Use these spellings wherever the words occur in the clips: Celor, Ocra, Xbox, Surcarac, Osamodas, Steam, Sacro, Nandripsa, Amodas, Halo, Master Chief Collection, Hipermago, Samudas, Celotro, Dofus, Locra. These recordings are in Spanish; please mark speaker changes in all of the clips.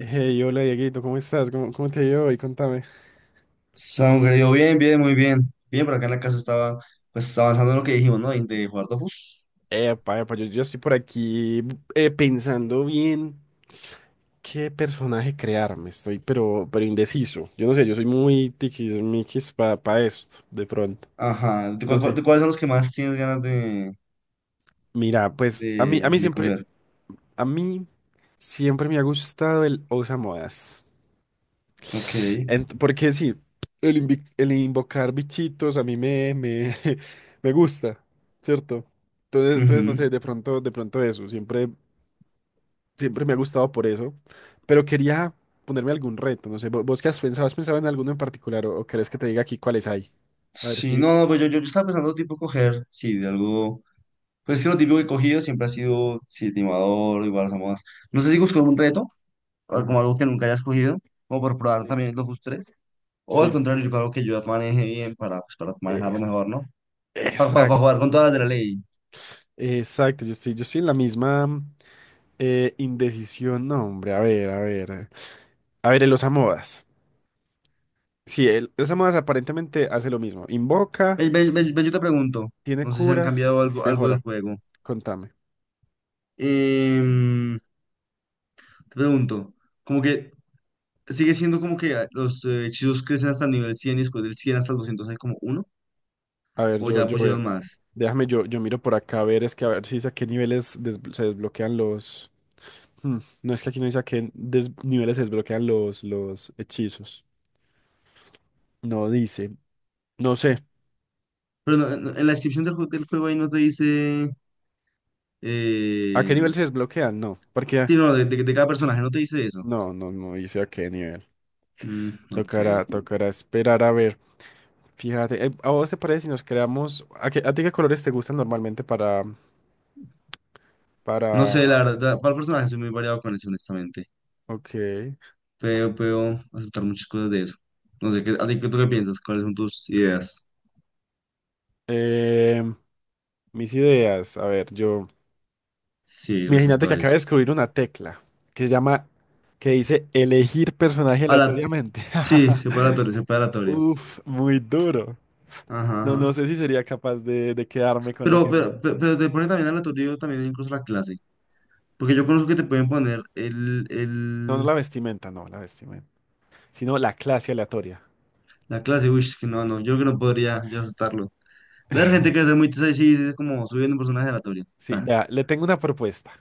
Speaker 1: Hey, hola Dieguito, ¿cómo estás? ¿¿Cómo te ha ido hoy? Contame.
Speaker 2: Samu, querido, bien, bien, muy bien. Bien, por acá en la casa estaba pues avanzando en lo que dijimos, ¿no? Y de jugar Dofus.
Speaker 1: Epa, epa, yo estoy por aquí pensando bien qué personaje crearme. Estoy, pero indeciso. Yo no sé, yo soy muy tiquismiquis para pa esto, de pronto.
Speaker 2: Ajá. ¿De,
Speaker 1: No
Speaker 2: cuál- cuál-
Speaker 1: sé.
Speaker 2: de cuáles son los que más tienes ganas de,
Speaker 1: Mira, pues a mí,
Speaker 2: de,
Speaker 1: a mí
Speaker 2: de
Speaker 1: siempre,
Speaker 2: coger?
Speaker 1: a mí siempre me ha gustado el Osamodas.
Speaker 2: Ok.
Speaker 1: Porque sí, el invocar bichitos a mí me gusta, ¿cierto? Entonces, no
Speaker 2: Ujú.
Speaker 1: sé, de pronto eso, siempre me ha gustado por eso, pero quería ponerme algún reto, no sé, ¿vos, qué has pensado? ¿Has pensado en alguno en particular o querés que te diga aquí cuáles hay? A ver
Speaker 2: Sí,
Speaker 1: si.
Speaker 2: no, no, pues yo estaba pensando tipo coger, sí, de algo. Pues es que lo típico que he cogido siempre ha sido, sí, timador, igual somos. No sé si busco algún reto, o como
Speaker 1: Ajá.
Speaker 2: algo que nunca hayas cogido, como por probar
Speaker 1: Sí.
Speaker 2: también el Dofus 3. O al
Speaker 1: Sí.
Speaker 2: contrario, yo creo que yo maneje bien para, pues, para manejarlo
Speaker 1: Es-
Speaker 2: mejor, ¿no?
Speaker 1: exacto,
Speaker 2: Jugar con todas las de la ley.
Speaker 1: yo estoy en la misma indecisión, no, hombre, a ver, a ver. A ver, el osamodas. Sí, el Samudas aparentemente hace lo mismo. Invoca,
Speaker 2: Ven, ven, ven, ven, yo te pregunto,
Speaker 1: tiene
Speaker 2: no sé si han
Speaker 1: curas
Speaker 2: cambiado
Speaker 1: y
Speaker 2: algo, algo del
Speaker 1: mejora.
Speaker 2: juego.
Speaker 1: Contame.
Speaker 2: Em, te pregunto, como que sigue siendo como que los hechizos crecen hasta el nivel 100 y después del 100 hasta el 200 hay como uno,
Speaker 1: A ver,
Speaker 2: o ya
Speaker 1: yo
Speaker 2: pusieron
Speaker 1: veo.
Speaker 2: más.
Speaker 1: Déjame, yo miro por acá a ver, es que a ver si dice a qué niveles se desbloquean los. Hmm, no es que aquí no dice a qué niveles se desbloquean los hechizos. No dice. No sé.
Speaker 2: Pero no, en la descripción del juego ahí no te dice,
Speaker 1: ¿A qué nivel
Speaker 2: em,
Speaker 1: se desbloquean? No. Porque.
Speaker 2: sí, no, de cada personaje no te dice eso.
Speaker 1: No, no, no dice a qué nivel.
Speaker 2: Mm, ok.
Speaker 1: Tocará, tocará esperar a ver. Fíjate, ¿a vos te parece si nos creamos? ¿A, a ti qué colores te gustan normalmente para,
Speaker 2: No sé,
Speaker 1: para?
Speaker 2: la verdad, para el personaje soy muy variado con eso, honestamente.
Speaker 1: Ok.
Speaker 2: Puedo aceptar muchas cosas de eso. No sé, ¿qué, a ti tú qué piensas? ¿Cuáles son tus ideas?
Speaker 1: Em, Mis ideas. A ver, yo.
Speaker 2: Sí,
Speaker 1: Imagínate
Speaker 2: respecto
Speaker 1: que
Speaker 2: a
Speaker 1: acabo de
Speaker 2: eso.
Speaker 1: descubrir una tecla que se llama, que dice elegir personaje
Speaker 2: A la,
Speaker 1: aleatoriamente.
Speaker 2: sí, se puede aleatorio, se separatorio, separatorio.
Speaker 1: Uf, muy duro.
Speaker 2: Ajá,
Speaker 1: No, no
Speaker 2: ajá.
Speaker 1: sé si sería capaz de quedarme con
Speaker 2: Pero,
Speaker 1: lo que me...
Speaker 2: pero, pe- pero te ponen también aleatorio también incluso la clase. Porque yo conozco que te pueden poner el,
Speaker 1: No, no
Speaker 2: el,
Speaker 1: la vestimenta, no, la vestimenta, sino la clase aleatoria.
Speaker 2: la clase. Uy, es que no, no, yo creo que no podría yo aceptarlo. La gente que hace muy tesa y sí, es como subiendo un personaje aleatorio.
Speaker 1: Sí,
Speaker 2: Ta,
Speaker 1: vea, le tengo una propuesta.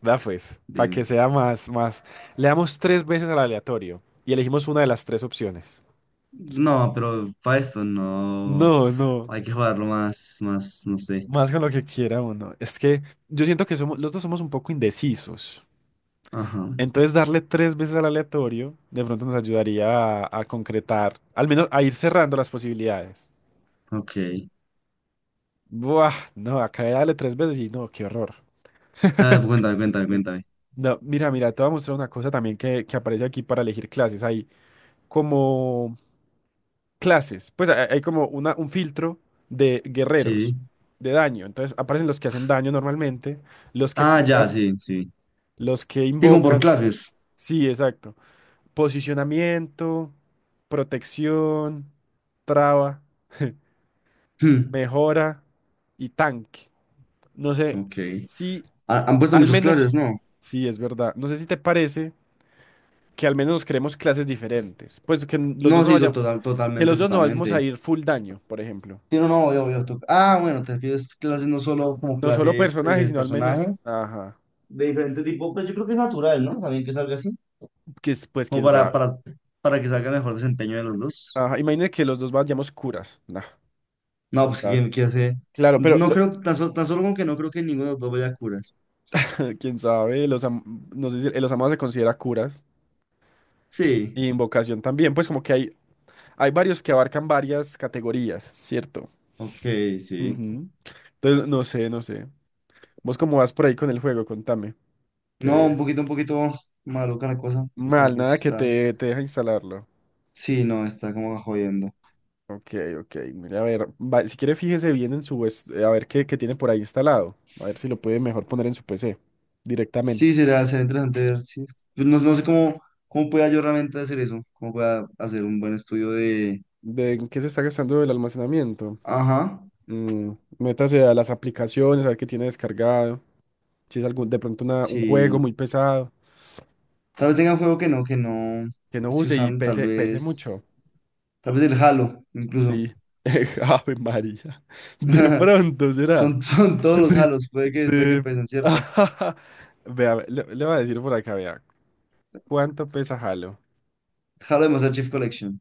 Speaker 1: Vea pues, para que
Speaker 2: dime.
Speaker 1: sea más, más. Le damos tres veces al aleatorio y elegimos una de las tres opciones.
Speaker 2: No, pero para esto no.
Speaker 1: No, no.
Speaker 2: Hay que jugarlo más, más, no sé.
Speaker 1: Más con lo que quiera uno. Es que yo siento que somos, los dos somos un poco indecisos.
Speaker 2: Ajá,
Speaker 1: Entonces, darle tres veces al aleatorio de pronto nos ayudaría a concretar, al menos a ir cerrando las posibilidades.
Speaker 2: ok.
Speaker 1: Buah, no, acá de darle tres veces y no, qué horror.
Speaker 2: A ver, cuéntame, cuéntame, cuéntame.
Speaker 1: No, mira, mira, te voy a mostrar una cosa también que aparece aquí para elegir clases. Hay como clases, pues hay como una, un filtro de guerreros,
Speaker 2: Sí.
Speaker 1: de daño. Entonces aparecen los que hacen daño normalmente, los que
Speaker 2: Ah, ya,
Speaker 1: curan,
Speaker 2: sí, sí.
Speaker 1: los que
Speaker 2: Digo, por
Speaker 1: invocan.
Speaker 2: clases.
Speaker 1: Sí, exacto. Posicionamiento, protección, traba,
Speaker 2: Hmm.
Speaker 1: mejora y tanque. No sé
Speaker 2: Ok.
Speaker 1: si
Speaker 2: Han puesto
Speaker 1: al
Speaker 2: muchas clases,
Speaker 1: menos,
Speaker 2: ¿no?
Speaker 1: sí, es verdad. No sé si te parece que al menos creemos clases diferentes. Pues que los dos
Speaker 2: No,
Speaker 1: no
Speaker 2: sí,
Speaker 1: vayamos,
Speaker 2: total,
Speaker 1: que
Speaker 2: totalmente,
Speaker 1: los dos no vamos
Speaker 2: totalmente.
Speaker 1: a ir full daño, por ejemplo.
Speaker 2: Sí, no, no, ah, bueno, te refieres clases no solo como
Speaker 1: No solo
Speaker 2: clase
Speaker 1: personajes,
Speaker 2: de
Speaker 1: sino al menos,
Speaker 2: personaje,
Speaker 1: ajá,
Speaker 2: de diferente tipo, pues yo creo que es natural, ¿no? También que salga así,
Speaker 1: que es, pues
Speaker 2: como
Speaker 1: quién
Speaker 2: para,
Speaker 1: sabe.
Speaker 2: para, para que salga mejor desempeño de los dos.
Speaker 1: Ajá, imagina que los dos vayamos curas. Nah,
Speaker 2: No,
Speaker 1: quién
Speaker 2: pues
Speaker 1: sabe.
Speaker 2: que hace.
Speaker 1: Claro, pero
Speaker 2: No
Speaker 1: lo-
Speaker 2: creo, tan solo como que no creo que ninguno de los dos vaya a curas.
Speaker 1: quién sabe, no sé si los amados se considera curas.
Speaker 2: Sí,
Speaker 1: Y invocación también, pues como que hay varios que abarcan varias categorías, ¿cierto?
Speaker 2: ok, sí.
Speaker 1: Ujú. Entonces, no sé, no sé. ¿Vos cómo vas por ahí con el juego? Contame.
Speaker 2: No,
Speaker 1: Que
Speaker 2: un poquito maluca la cosa, como
Speaker 1: mal,
Speaker 2: que sí
Speaker 1: nada que
Speaker 2: está.
Speaker 1: te deja instalarlo.
Speaker 2: Sí, no, está como jodiendo.
Speaker 1: Ok, ok. Mira, a ver, si quiere fíjese bien en su, a ver qué, qué tiene por ahí instalado. A ver si lo puede mejor poner en su PC
Speaker 2: Sí,
Speaker 1: directamente.
Speaker 2: será, será interesante ver si pues no, no sé cómo, pueda yo realmente hacer eso, cómo pueda hacer un buen estudio de.
Speaker 1: ¿De en qué se está gastando el almacenamiento?
Speaker 2: Ajá,
Speaker 1: Mm, métase a las aplicaciones, a ver qué tiene descargado. Si es algún, de pronto un juego
Speaker 2: sí.
Speaker 1: muy pesado.
Speaker 2: Tal vez tenga un juego que no
Speaker 1: Que no
Speaker 2: estoy
Speaker 1: use y
Speaker 2: usando,
Speaker 1: pese, pese mucho.
Speaker 2: tal vez el Halo, incluso.
Speaker 1: Sí. Ave María. De pronto será.
Speaker 2: Son todos los
Speaker 1: De,
Speaker 2: Halos, puede que
Speaker 1: de...
Speaker 2: pesen, ¿cierto?
Speaker 1: Vea, le voy a decir por acá, vea. ¿Cuánto pesa Halo?
Speaker 2: Halo de Master Chief Collection.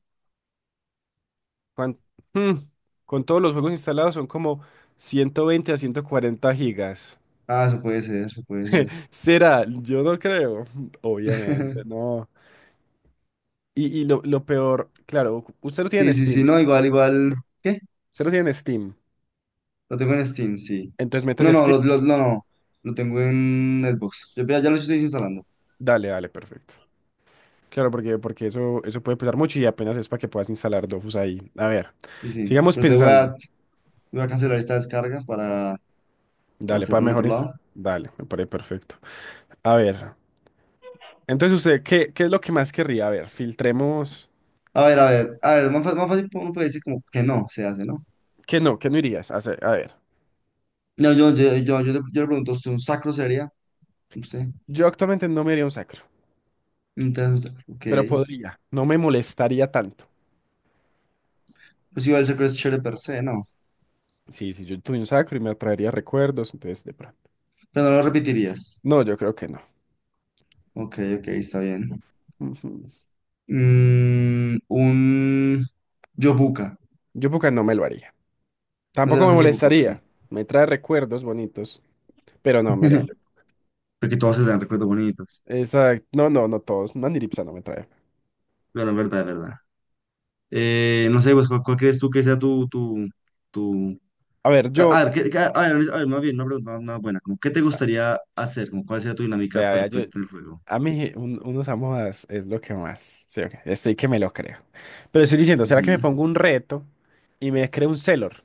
Speaker 1: ¿Cuán- mm, con todos los juegos instalados son como 120 a 140 gigas.
Speaker 2: Ah, eso puede ser, eso puede ser.
Speaker 1: ¿Será? Yo no creo. Obviamente, no. Y, lo peor, claro, usted lo tiene
Speaker 2: Sí,
Speaker 1: en
Speaker 2: sí, sí,
Speaker 1: Steam.
Speaker 2: no, igual, igual. ¿Qué?
Speaker 1: Usted lo tiene en Steam.
Speaker 2: Lo tengo en Steam, sí.
Speaker 1: Entonces
Speaker 2: No,
Speaker 1: métase a
Speaker 2: no,
Speaker 1: Steam.
Speaker 2: no, no, lo tengo en Xbox. Yo ya, ya lo estoy desinstalando.
Speaker 1: Dale, dale, perfecto. Claro, porque eso puede pesar mucho y apenas es para que puedas instalar Dofus ahí. A ver,
Speaker 2: Sí, sí.
Speaker 1: sigamos
Speaker 2: Pero
Speaker 1: pensando.
Speaker 2: voy a cancelar esta descarga para
Speaker 1: Dale, para
Speaker 2: hacerlo en
Speaker 1: mejor
Speaker 2: otro
Speaker 1: insta-
Speaker 2: lado.
Speaker 1: Dale, me parece perfecto. A ver, entonces usted, ¿qué, qué es lo que más querría? A ver, filtremos.
Speaker 2: A ver, a ver, a ver, más, más fácil uno puede decir como que no se hace, ¿no?
Speaker 1: ¿Qué no? ¿Qué no irías a hacer? A ver,
Speaker 2: No, yo le pregunto, ¿usted un sacro sería? ¿Usted?
Speaker 1: yo actualmente no me iría a un sacro,
Speaker 2: Entonces, usted,
Speaker 1: pero
Speaker 2: ok.
Speaker 1: podría. No me molestaría tanto.
Speaker 2: Pues igual el sacro es chévere per se, ¿no?
Speaker 1: Sí, sí, yo tuve un sacro y me traería recuerdos, entonces de pronto.
Speaker 2: Pero no lo repetirías.
Speaker 1: No, yo creo que no.
Speaker 2: Ok, ok, está bien.
Speaker 1: Ujú.
Speaker 2: Un yobuca.
Speaker 1: Yo porque no me lo haría.
Speaker 2: No
Speaker 1: Tampoco
Speaker 2: serás
Speaker 1: me
Speaker 2: un yobuca, ok.
Speaker 1: molestaría. Me trae recuerdos bonitos, pero no, me haría.
Speaker 2: Porque todos se dan recuerdos bonitos.
Speaker 1: Exacto. No, no, no todos. Nandripsa no me trae.
Speaker 2: Pero en verdad, es verdad. No sé, pues, ¿cuál crees tú que sea tu?
Speaker 1: A ver,
Speaker 2: A
Speaker 1: yo.
Speaker 2: a ver, a ver, a ver, más bien, una pregunta más más buena. Como, ¿qué te
Speaker 1: Ah,
Speaker 2: gustaría hacer? Como, ¿cuál sería tu dinámica
Speaker 1: vea, yo.
Speaker 2: perfecta en el juego?
Speaker 1: A mí, unos amodas es lo que más. Sí, ok, estoy que me lo creo. Pero estoy diciendo, ¿será que me
Speaker 2: Ujú.
Speaker 1: pongo un reto y me creo un Celor?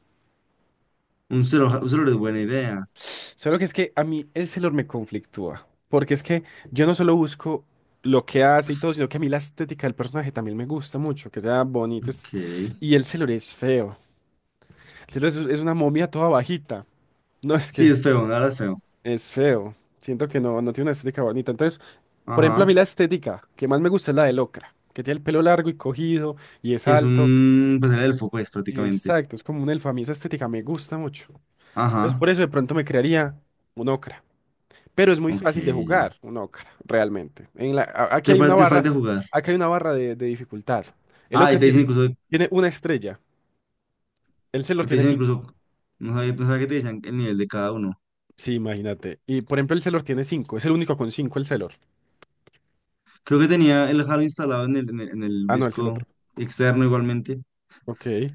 Speaker 2: Un celular es buena idea.
Speaker 1: Solo que es que a mí el Celor me conflictúa. Porque es que yo no solo busco lo que hace y todo, sino que a mí la estética del personaje también me gusta mucho, que sea bonito.
Speaker 2: Ok.
Speaker 1: Y el Celor es feo. El Celor es una momia toda bajita. No es
Speaker 2: Sí,
Speaker 1: que
Speaker 2: es feo, la verdad es feo.
Speaker 1: es feo. Siento que no, no tiene una estética bonita. Entonces. Por ejemplo, a mí
Speaker 2: Ajá.
Speaker 1: la estética que más me gusta es la de Locra, que tiene el pelo largo y cogido y es
Speaker 2: Que es
Speaker 1: alto.
Speaker 2: un, pues el elfo, pues, prácticamente.
Speaker 1: Exacto, es como un elfo. A mí esa estética me gusta mucho. Entonces,
Speaker 2: Ajá.
Speaker 1: por eso de pronto me crearía un Ocra. Pero es muy
Speaker 2: Ok,
Speaker 1: fácil de
Speaker 2: ya.
Speaker 1: jugar un Ocra, realmente. Aquí
Speaker 2: ¿Te
Speaker 1: hay una
Speaker 2: parece que es fácil
Speaker 1: barra,
Speaker 2: de jugar?
Speaker 1: aquí hay una barra de dificultad. El
Speaker 2: Ah,
Speaker 1: Ocra tiene, tiene una estrella, el Celor
Speaker 2: te
Speaker 1: tiene
Speaker 2: dicen incluso,
Speaker 1: cinco.
Speaker 2: no sabía,
Speaker 1: Ujú.
Speaker 2: no sabía que te decían el nivel de cada uno.
Speaker 1: Sí, imagínate. Y por ejemplo, el Celor tiene cinco, es el único con cinco el Celor.
Speaker 2: Creo que tenía el Halo instalado en el
Speaker 1: Ah, no, el
Speaker 2: disco
Speaker 1: Celotro.
Speaker 2: externo igualmente.
Speaker 1: Ok.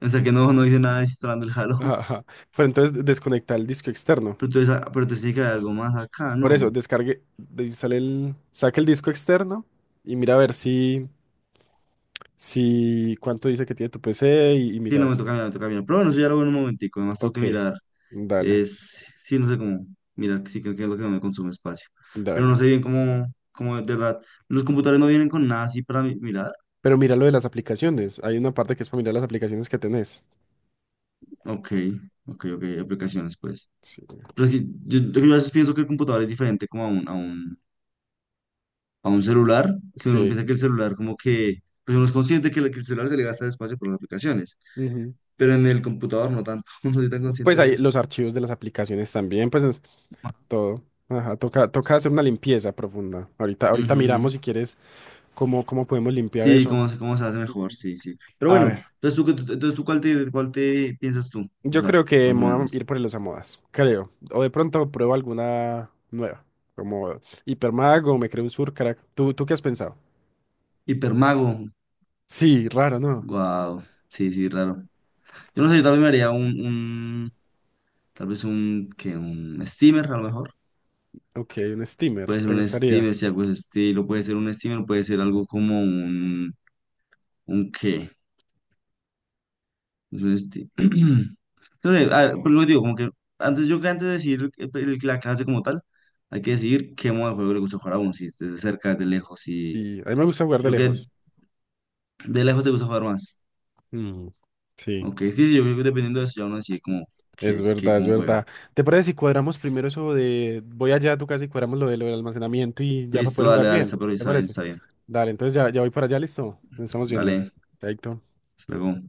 Speaker 2: O sea que no, no hice nada instalando el Halo.
Speaker 1: Ajá. Pero entonces desconecta el disco externo.
Speaker 2: Pero entonces, pero te tiene que haber algo más acá,
Speaker 1: Por
Speaker 2: ¿no?
Speaker 1: eso, descargue, desinstale el, saque el disco externo y mira a ver si, si cuánto dice que tiene tu PC y
Speaker 2: Sí,
Speaker 1: mira
Speaker 2: no me
Speaker 1: eso.
Speaker 2: toca mirar, me toca mirar. Pero bueno, eso ya lo veo en un momentico. Además, tengo que
Speaker 1: Ok,
Speaker 2: mirar.
Speaker 1: dale,
Speaker 2: Sí, no sé cómo. Mirar, sí, creo que es lo que no me consume espacio. Pero no
Speaker 1: dale.
Speaker 2: sé bien cómo de verdad. Los computadores no vienen con nada así para mirar.
Speaker 1: Pero mira lo de las aplicaciones. Hay una parte que es para mirar las aplicaciones que tenés.
Speaker 2: Ok, ok, ok. Aplicaciones, pues.
Speaker 1: Sí.
Speaker 2: Pero es que yo a veces pienso que el computador es diferente como a un, celular. Que uno
Speaker 1: Sí.
Speaker 2: piensa que el celular, como que. Pues uno es consciente que el celular se le gasta espacio por las aplicaciones.
Speaker 1: Ujú.
Speaker 2: Pero en el computador no tanto. No soy tan
Speaker 1: Pues
Speaker 2: consciente de
Speaker 1: hay
Speaker 2: eso.
Speaker 1: los archivos de las aplicaciones también, pues es todo. Ajá, toca, toca hacer una limpieza profunda. Ahorita, ahorita
Speaker 2: Ujú.
Speaker 1: miramos si quieres cómo, cómo podemos limpiar
Speaker 2: Sí,
Speaker 1: eso.
Speaker 2: cómo se hace mejor,
Speaker 1: Ujú.
Speaker 2: sí, sí. Pero
Speaker 1: A ver.
Speaker 2: bueno, entonces tú, entonces tú cuál te piensas tú
Speaker 1: Yo
Speaker 2: usar,
Speaker 1: creo que
Speaker 2: más o
Speaker 1: me voy a ir
Speaker 2: menos.
Speaker 1: por el modas creo. O de pronto pruebo alguna nueva, como Hipermago, me creo un Surcarac. ¿¿Tú qué has pensado?
Speaker 2: Hipermago,
Speaker 1: Sí, raro, ¿no?
Speaker 2: wow, sí, sí, raro. Yo no sé, yo también me haría un tal vez un, que un steamer, a lo mejor.
Speaker 1: Ok, un steamer,
Speaker 2: Puede ser
Speaker 1: te
Speaker 2: un
Speaker 1: gustaría.
Speaker 2: steamer, si algo es estilo, puede ser un steamer, puede ser algo como un qué, es un steamer. Entonces, a ver, pues lo que digo, como que antes yo que antes de decir la clase como tal, hay que decidir qué modo de juego le gusta jugar a uno, si es desde cerca, desde lejos, si.
Speaker 1: Y a mí me gusta jugar de
Speaker 2: Yo que
Speaker 1: lejos.
Speaker 2: de lejos te gusta jugar más.
Speaker 1: Mm, sí,
Speaker 2: Ok, sí, sí, yo creo que dependiendo de eso ya uno decide cómo,
Speaker 1: es
Speaker 2: qué,
Speaker 1: verdad, es
Speaker 2: cómo juega.
Speaker 1: verdad. ¿Te parece si cuadramos primero eso de voy allá a tu casa y cuadramos lo lo del almacenamiento y ya para
Speaker 2: Listo,
Speaker 1: poder
Speaker 2: dale,
Speaker 1: jugar
Speaker 2: dale, está,
Speaker 1: bien?
Speaker 2: pero
Speaker 1: ¿Te
Speaker 2: está bien,
Speaker 1: parece?
Speaker 2: está bien.
Speaker 1: Dale, entonces ya, ya voy para allá, listo. Nos estamos viendo.
Speaker 2: Dale,
Speaker 1: Chaito.
Speaker 2: hasta luego.